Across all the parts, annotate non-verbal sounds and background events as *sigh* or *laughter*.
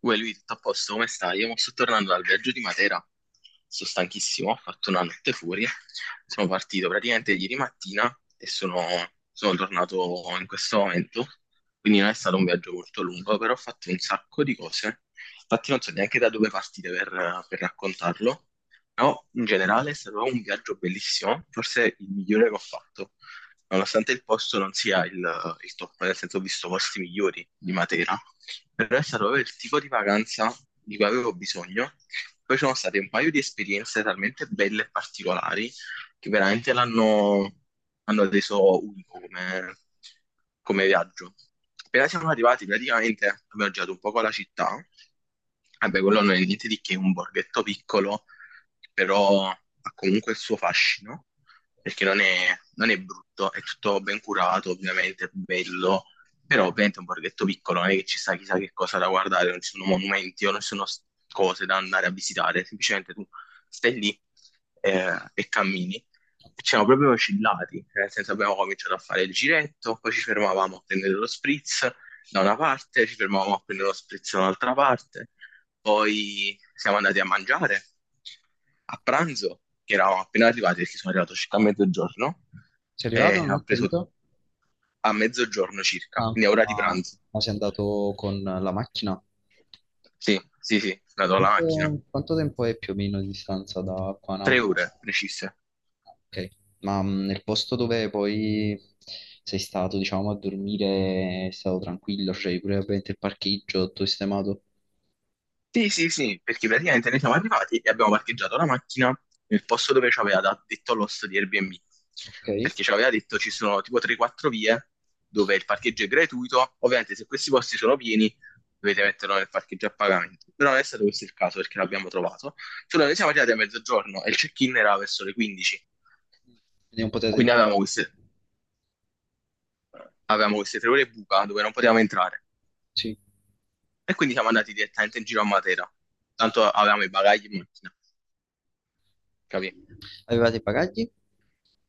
Uè, lui, tutto a posto, come stai? Io mo sto tornando dal viaggio di Matera, sto stanchissimo, ho fatto una notte fuori, sono partito praticamente ieri mattina e sono, sono tornato in questo momento, quindi non è stato un viaggio molto lungo, però ho fatto un sacco di cose, infatti non so neanche da dove partire per raccontarlo, però in generale è stato un viaggio bellissimo, forse il migliore che ho fatto, nonostante il posto non sia il top, nel senso ho visto posti migliori di Matera. Però è stato proprio il tipo di vacanza di cui avevo bisogno. Poi ci sono state un paio di esperienze talmente belle e particolari che veramente l'hanno hanno reso unico come viaggio. Appena siamo arrivati, praticamente abbiamo girato un poco la città. Vabbè, quello non è niente di che, un borghetto piccolo, però ha comunque il suo fascino, perché non è brutto, è tutto ben curato, ovviamente, bello, però ovviamente è un borghetto piccolo, non è che ci sta chissà che cosa da guardare, non ci sono monumenti o non ci sono cose da andare a visitare, semplicemente tu stai lì e cammini. E ci siamo proprio oscillati, nel senso abbiamo cominciato a fare il giretto, poi ci fermavamo a prendere lo spritz da una parte, ci fermavamo a prendere lo spritz da un'altra parte, poi siamo andati a mangiare a pranzo, che eravamo appena arrivati perché sono arrivato circa a mezzogiorno, Sei arrivato? e Non ho ho preso capito. a mezzogiorno circa, Ah, quindi a ok, ora di pranzo. ma sei andato con la macchina? Ok, Sì, sì, sì, vado alla macchina. quanto, quanto tempo è più o meno di distanza da qua a Tre Napoli? ore precise. Ok, ma nel posto dove poi sei stato, diciamo, a dormire è stato tranquillo, c'è pure ovviamente il parcheggio, tutto sistemato. Sì, sì, sì, perché praticamente noi siamo arrivati e abbiamo parcheggiato la macchina nel posto dove ci aveva detto l'host di Airbnb, Ok, quindi perché ci aveva detto ci sono tipo 3-4 vie dove il parcheggio è gratuito, ovviamente se questi posti sono pieni dovete metterlo nel parcheggio a pagamento, però non è stato questo il caso perché l'abbiamo trovato, solo noi siamo arrivati a mezzogiorno e il check-in era verso le 15, non potete quindi entrare. avevamo queste 3 ore buca dove non potevamo entrare. Sì. E quindi siamo andati direttamente in giro a Matera. Tanto avevamo i bagagli in macchina, capì? Avevate i bagagli?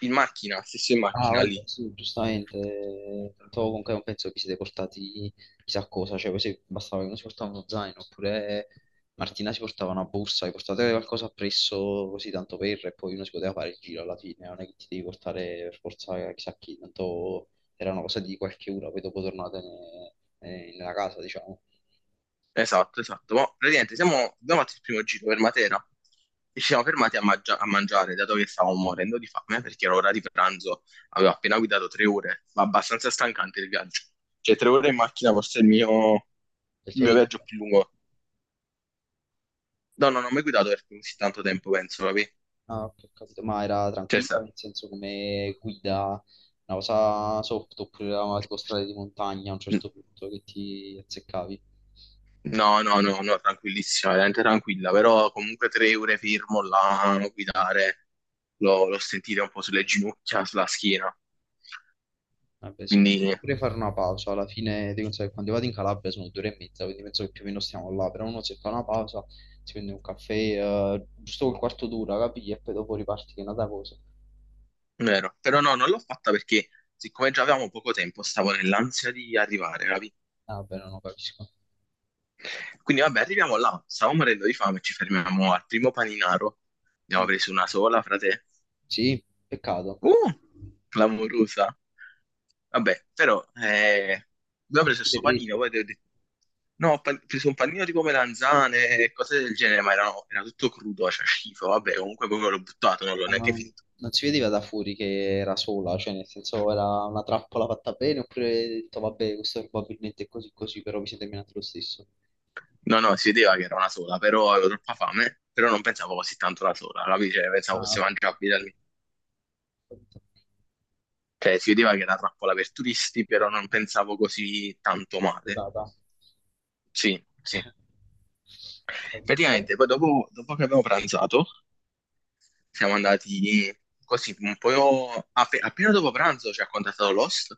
In macchina, stesso in Ah, macchina vabbè, lì. sì, giustamente. Tanto comunque non penso che vi siete portati chissà cosa, cioè poi se bastava che uno si portava uno zaino, oppure Martina si portava una borsa, vi portate qualcosa appresso così tanto per, e poi uno si poteva fare il giro alla fine, non è che ti devi portare per forza chissà chi, tanto era una cosa di qualche ora, poi dopo nella casa, diciamo, Esatto, esatto. Ma praticamente abbiamo fatto il primo giro per Matera e ci siamo fermati a mangiare, dato che stavamo morendo di fame, perché era ora di pranzo, avevo appena guidato 3 ore, ma abbastanza stancante il viaggio. Cioè, 3 ore in macchina forse è del il tuo mio libro. viaggio più lungo. No, no, non ho mai guidato per così tanto tempo, penso, capì? Ah, ok, ho capito. Ma era Cioè, tranquilla, sa- nel senso come guida, una cosa soft, oppure era tipo strade di montagna a un certo punto che ti azzeccavi. No, no, no, no, tranquillissima, veramente tranquilla, però comunque 3 ore fermo là, a guidare, l'ho sentita un po' sulle ginocchia, sulla schiena, Vabbè, sì, quindi potevi pure fare una pausa. Alla fine, devi pensare che quando vado in Calabria sono due ore e mezza, quindi penso che più o meno stiamo là. Però uno se fa una pausa, si prende un caffè, giusto quel quarto d'ora, capisci? E poi dopo riparti che è un'altra cosa. vero, però no, non l'ho fatta perché siccome già avevamo poco tempo, stavo nell'ansia di arrivare, capi? Ah, vabbè, non lo capisco. Quindi vabbè, arriviamo là, stavo morendo di fame, ci fermiamo al primo paninaro, ne avevo Mm. preso una sola, frate. Sì, peccato. Uh, clamorosa. Vabbè, però abbiamo Che preso avete questo panino, preso? poi ho detto, no, preso un panino tipo melanzane e cose del genere, ma era tutto crudo, cioè schifo, vabbè, comunque proprio l'ho buttato, non l'ho Ma neanche non, finito. non si vedeva da fuori che era sola, cioè nel senso era una trappola fatta bene, oppure hai detto vabbè, questo probabilmente è così così, però vi siete menati lo stesso. No, no, si vedeva che era una sola, però avevo troppa fame, però non pensavo così tanto la sola, capi? Cioè, pensavo fosse Ah, mangiabile da lì. capito. Cioè, si vedeva che era trappola per turisti, però non pensavo così tanto male. Vietata. Sì, sì. *laughs* Capito. Poi? Praticamente, poi dopo, dopo che abbiamo pranzato, siamo andati così, un po' appena dopo pranzo ci ha contattato l'host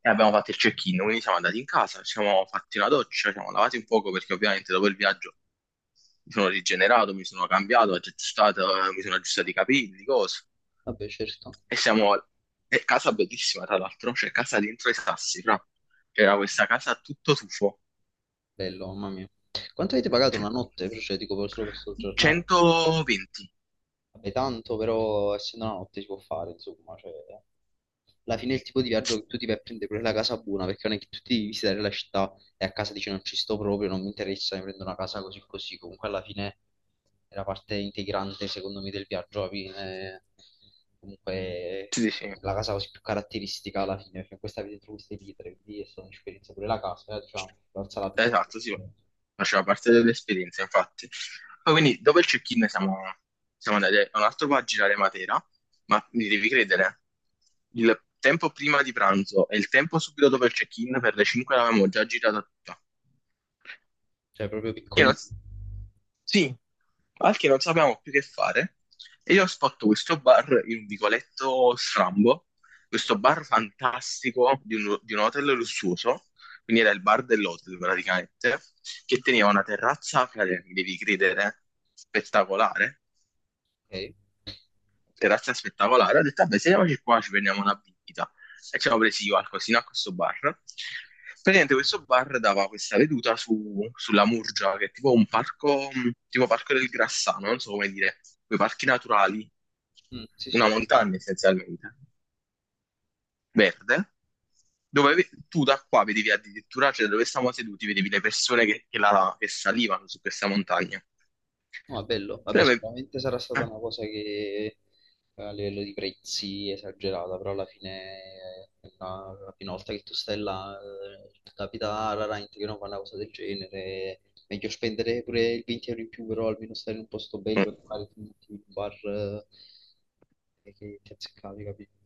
e abbiamo fatto il check-in, quindi siamo andati in casa, ci siamo fatti una doccia, ci siamo lavati un poco perché ovviamente dopo il viaggio mi sono rigenerato, mi sono cambiato, aggiustato, mi sono aggiustato i capelli, cose. Vabbè, certo. E siamo... È casa bellissima, tra l'altro, c'è casa dentro i sassi, fra. C'era questa casa a tutto tufo. Bello, mamma mia. Quanto avete pagato una notte? Cioè, dico, per- solo per soggiornare. 120. Vabbè, tanto però essendo la notte si può fare, insomma, cioè, alla fine è il tipo di viaggio che tu ti vai a prendere pure la casa buona, perché non è che tu ti devi visitare la città e a casa dici non ci sto proprio, non mi interessa, mi prendo una casa così così, comunque alla fine è la parte integrante secondo me del viaggio, alla fine, comunque Sì, sì, sì. la casa così più caratteristica alla fine, perché in questa avete trovato queste pietre, quindi è stata un'esperienza pure la casa, diciamo, valsa la pena, Esatto, sì, faceva parte dell'esperienza, infatti. Poi quindi dopo il check-in siamo andati a un altro po' a girare Matera, ma mi devi credere, il tempo prima di pranzo e il tempo subito dopo il check-in per le 5 l'avevamo già girata tutta. cioè proprio Che non- piccoli. Sì, al che non sapevamo più che fare. E io ho fatto questo bar in un vicoletto strambo, questo bar fantastico di un hotel lussuoso, quindi era il bar dell'hotel praticamente, che teneva una terrazza, frate, mi devi credere, spettacolare, Ok? terrazza aspettava Lara, ho detto, vabbè, sediamoci qua, ci prendiamo una bibita. E ci avevo presi io qualcosina a questo bar. Praticamente questo bar dava questa veduta sulla Murgia, che è tipo un parco, tipo parco del Grassano, non so come dire, quei parchi naturali, Mm, sì, sì, una ho montagna essenzialmente, verde, dove tu da qua vedevi addirittura, cioè dove stavamo seduti, vedevi le persone che che salivano su questa montagna. no, è bello. Però Vabbè, ave- sicuramente sarà stata una cosa che a livello di prezzi è esagerata, però alla fine, la prima volta che tu stai là, ti capita raramente che non fa una cosa del genere. Meglio spendere pure il 20 € in più, però almeno stare in un posto eh, bello e magari ti metti in un bar che ti azzeccavi, capito?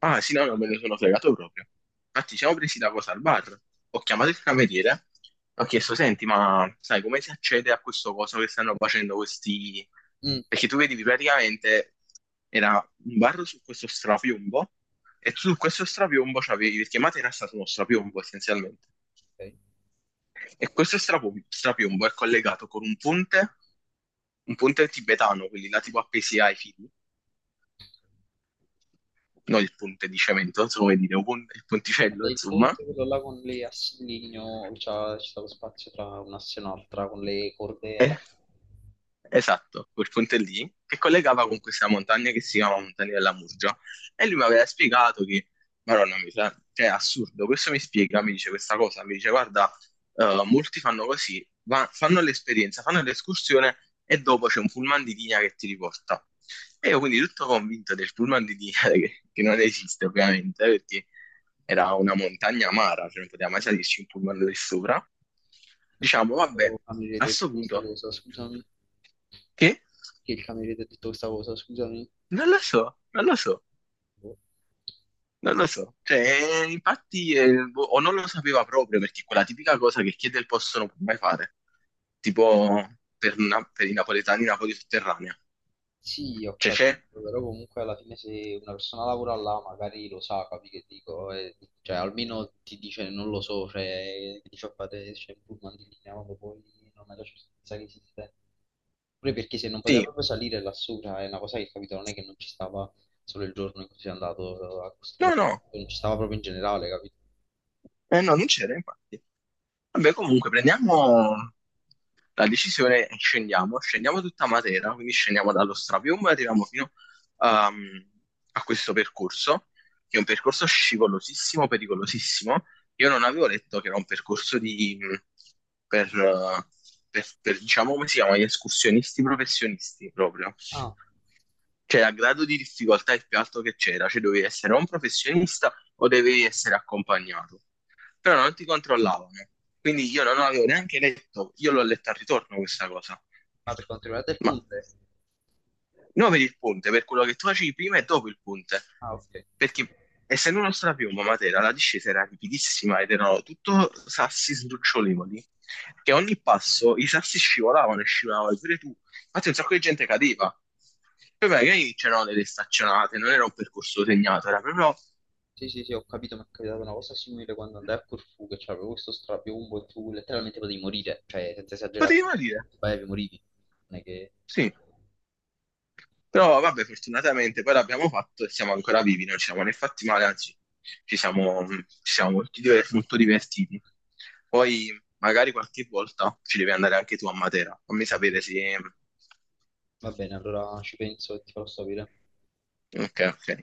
Ah, sì, no, no, me ne sono fregato proprio. Infatti, ci siamo presi da cosa al bar. Ho chiamato il cameriere, ho chiesto, senti, ma sai come si accede a questo coso che stanno facendo questi... Mm, Perché tu vedi, praticamente era un bar su questo strapiombo e su questo strapiombo c'avevi... Perché Matera era stato uno strapiombo, essenzialmente. ok. E questo strapiombo è collegato con un ponte tibetano, quelli là tipo appesi ai fili, no il ponte di cemento, non so come dire, il ponticello, Vabbè, il insomma. ponte quello là con le assi di legno, c'è stato spazio tra un'asse e un'altra, con le corde. Eh, Esatto, quel ponte lì, che collegava con questa montagna che si chiama Montagna della Murgia. E lui mi aveva spiegato che, Madonna, mi sa, cioè, è assurdo, questo mi spiega, mi dice questa cosa, mi dice, guarda, molti fanno così, fanno l'esperienza, fanno l'escursione e dopo c'è un pullman di linea che ti riporta. E io quindi tutto convinto del pullman di linea *laughs* che non esiste ovviamente, perché era una montagna amara, cioè non poteva mai salirci un pullman lì sopra. Diciamo, Oh, vabbè, cameriere a ti ha detto sto questa punto, cosa, scusami. che? Che il cameriere ti ha detto questa cosa, scusami. Non lo so, Boh. non lo so. Cioè, infatti, boh, o non lo sapeva proprio, perché è quella tipica cosa che chiede il posto non può mai fare. Tipo, per i napoletani, Napoli sotterranea. Sì, ho Cioè, c'è? capito, però comunque alla fine se una persona lavora là magari lo sa, capi che dico, e- cioè almeno ti dice non lo so, cioè ti fa fare c'è un pullman di linea quando poi non hai la certezza che esiste. Pure perché se non poteva Sì. proprio salire lassù, cioè, è una cosa che capito, non è che non ci stava solo il giorno in cui sei andato a questo, No, no, non ci stava proprio in generale, capito? eh no, non c'era, infatti. Vabbè, comunque, prendiamo la decisione e scendiamo. Scendiamo tutta Matera, quindi scendiamo dallo Strapiombo e arriviamo fino ehm, a questo percorso, che è un percorso scivolosissimo, pericolosissimo. Io non avevo letto che era un percorso per, eh, diciamo, come si chiama, gli escursionisti professionisti proprio. Ah, Cioè, a grado di difficoltà il più alto che c'era, cioè dovevi essere o un professionista o dovevi essere accompagnato però non ti controllavano. Quindi io non avevo neanche letto, io l'ho letta al ritorno questa cosa. ma per quanto riguarda il Ma ponte? non per il ponte, per quello che tu facevi prima e dopo il ponte. Ah, ok. Perché essendo uno strapiombo a Matera, la discesa era ripidissima ed erano tutto sassi sdrucciolevoli, che a ogni passo i sassi scivolavano e scivolavano, pure tu. Infatti un sacco di gente cadeva. Poi magari c'erano delle staccionate, non era un percorso segnato, era proprio... Sì, sì, sì, ho capito, mi è capitata una cosa simile quando andai a Corfù, che c'avevo questo strapiombo e tu letteralmente potevi morire, cioè senza esagerare, Potevi morire, sbagliavi, morivi. Non è che... sì. Però vabbè, fortunatamente poi l'abbiamo fatto e siamo ancora vivi, non ci siamo né fatti male, anzi ci siamo tutti e due molto divertiti. Poi magari qualche volta ci devi andare anche tu a Matera, fammi Va bene, sapere se... va bene, allora ci penso e ti farò sapere. Ok, ok.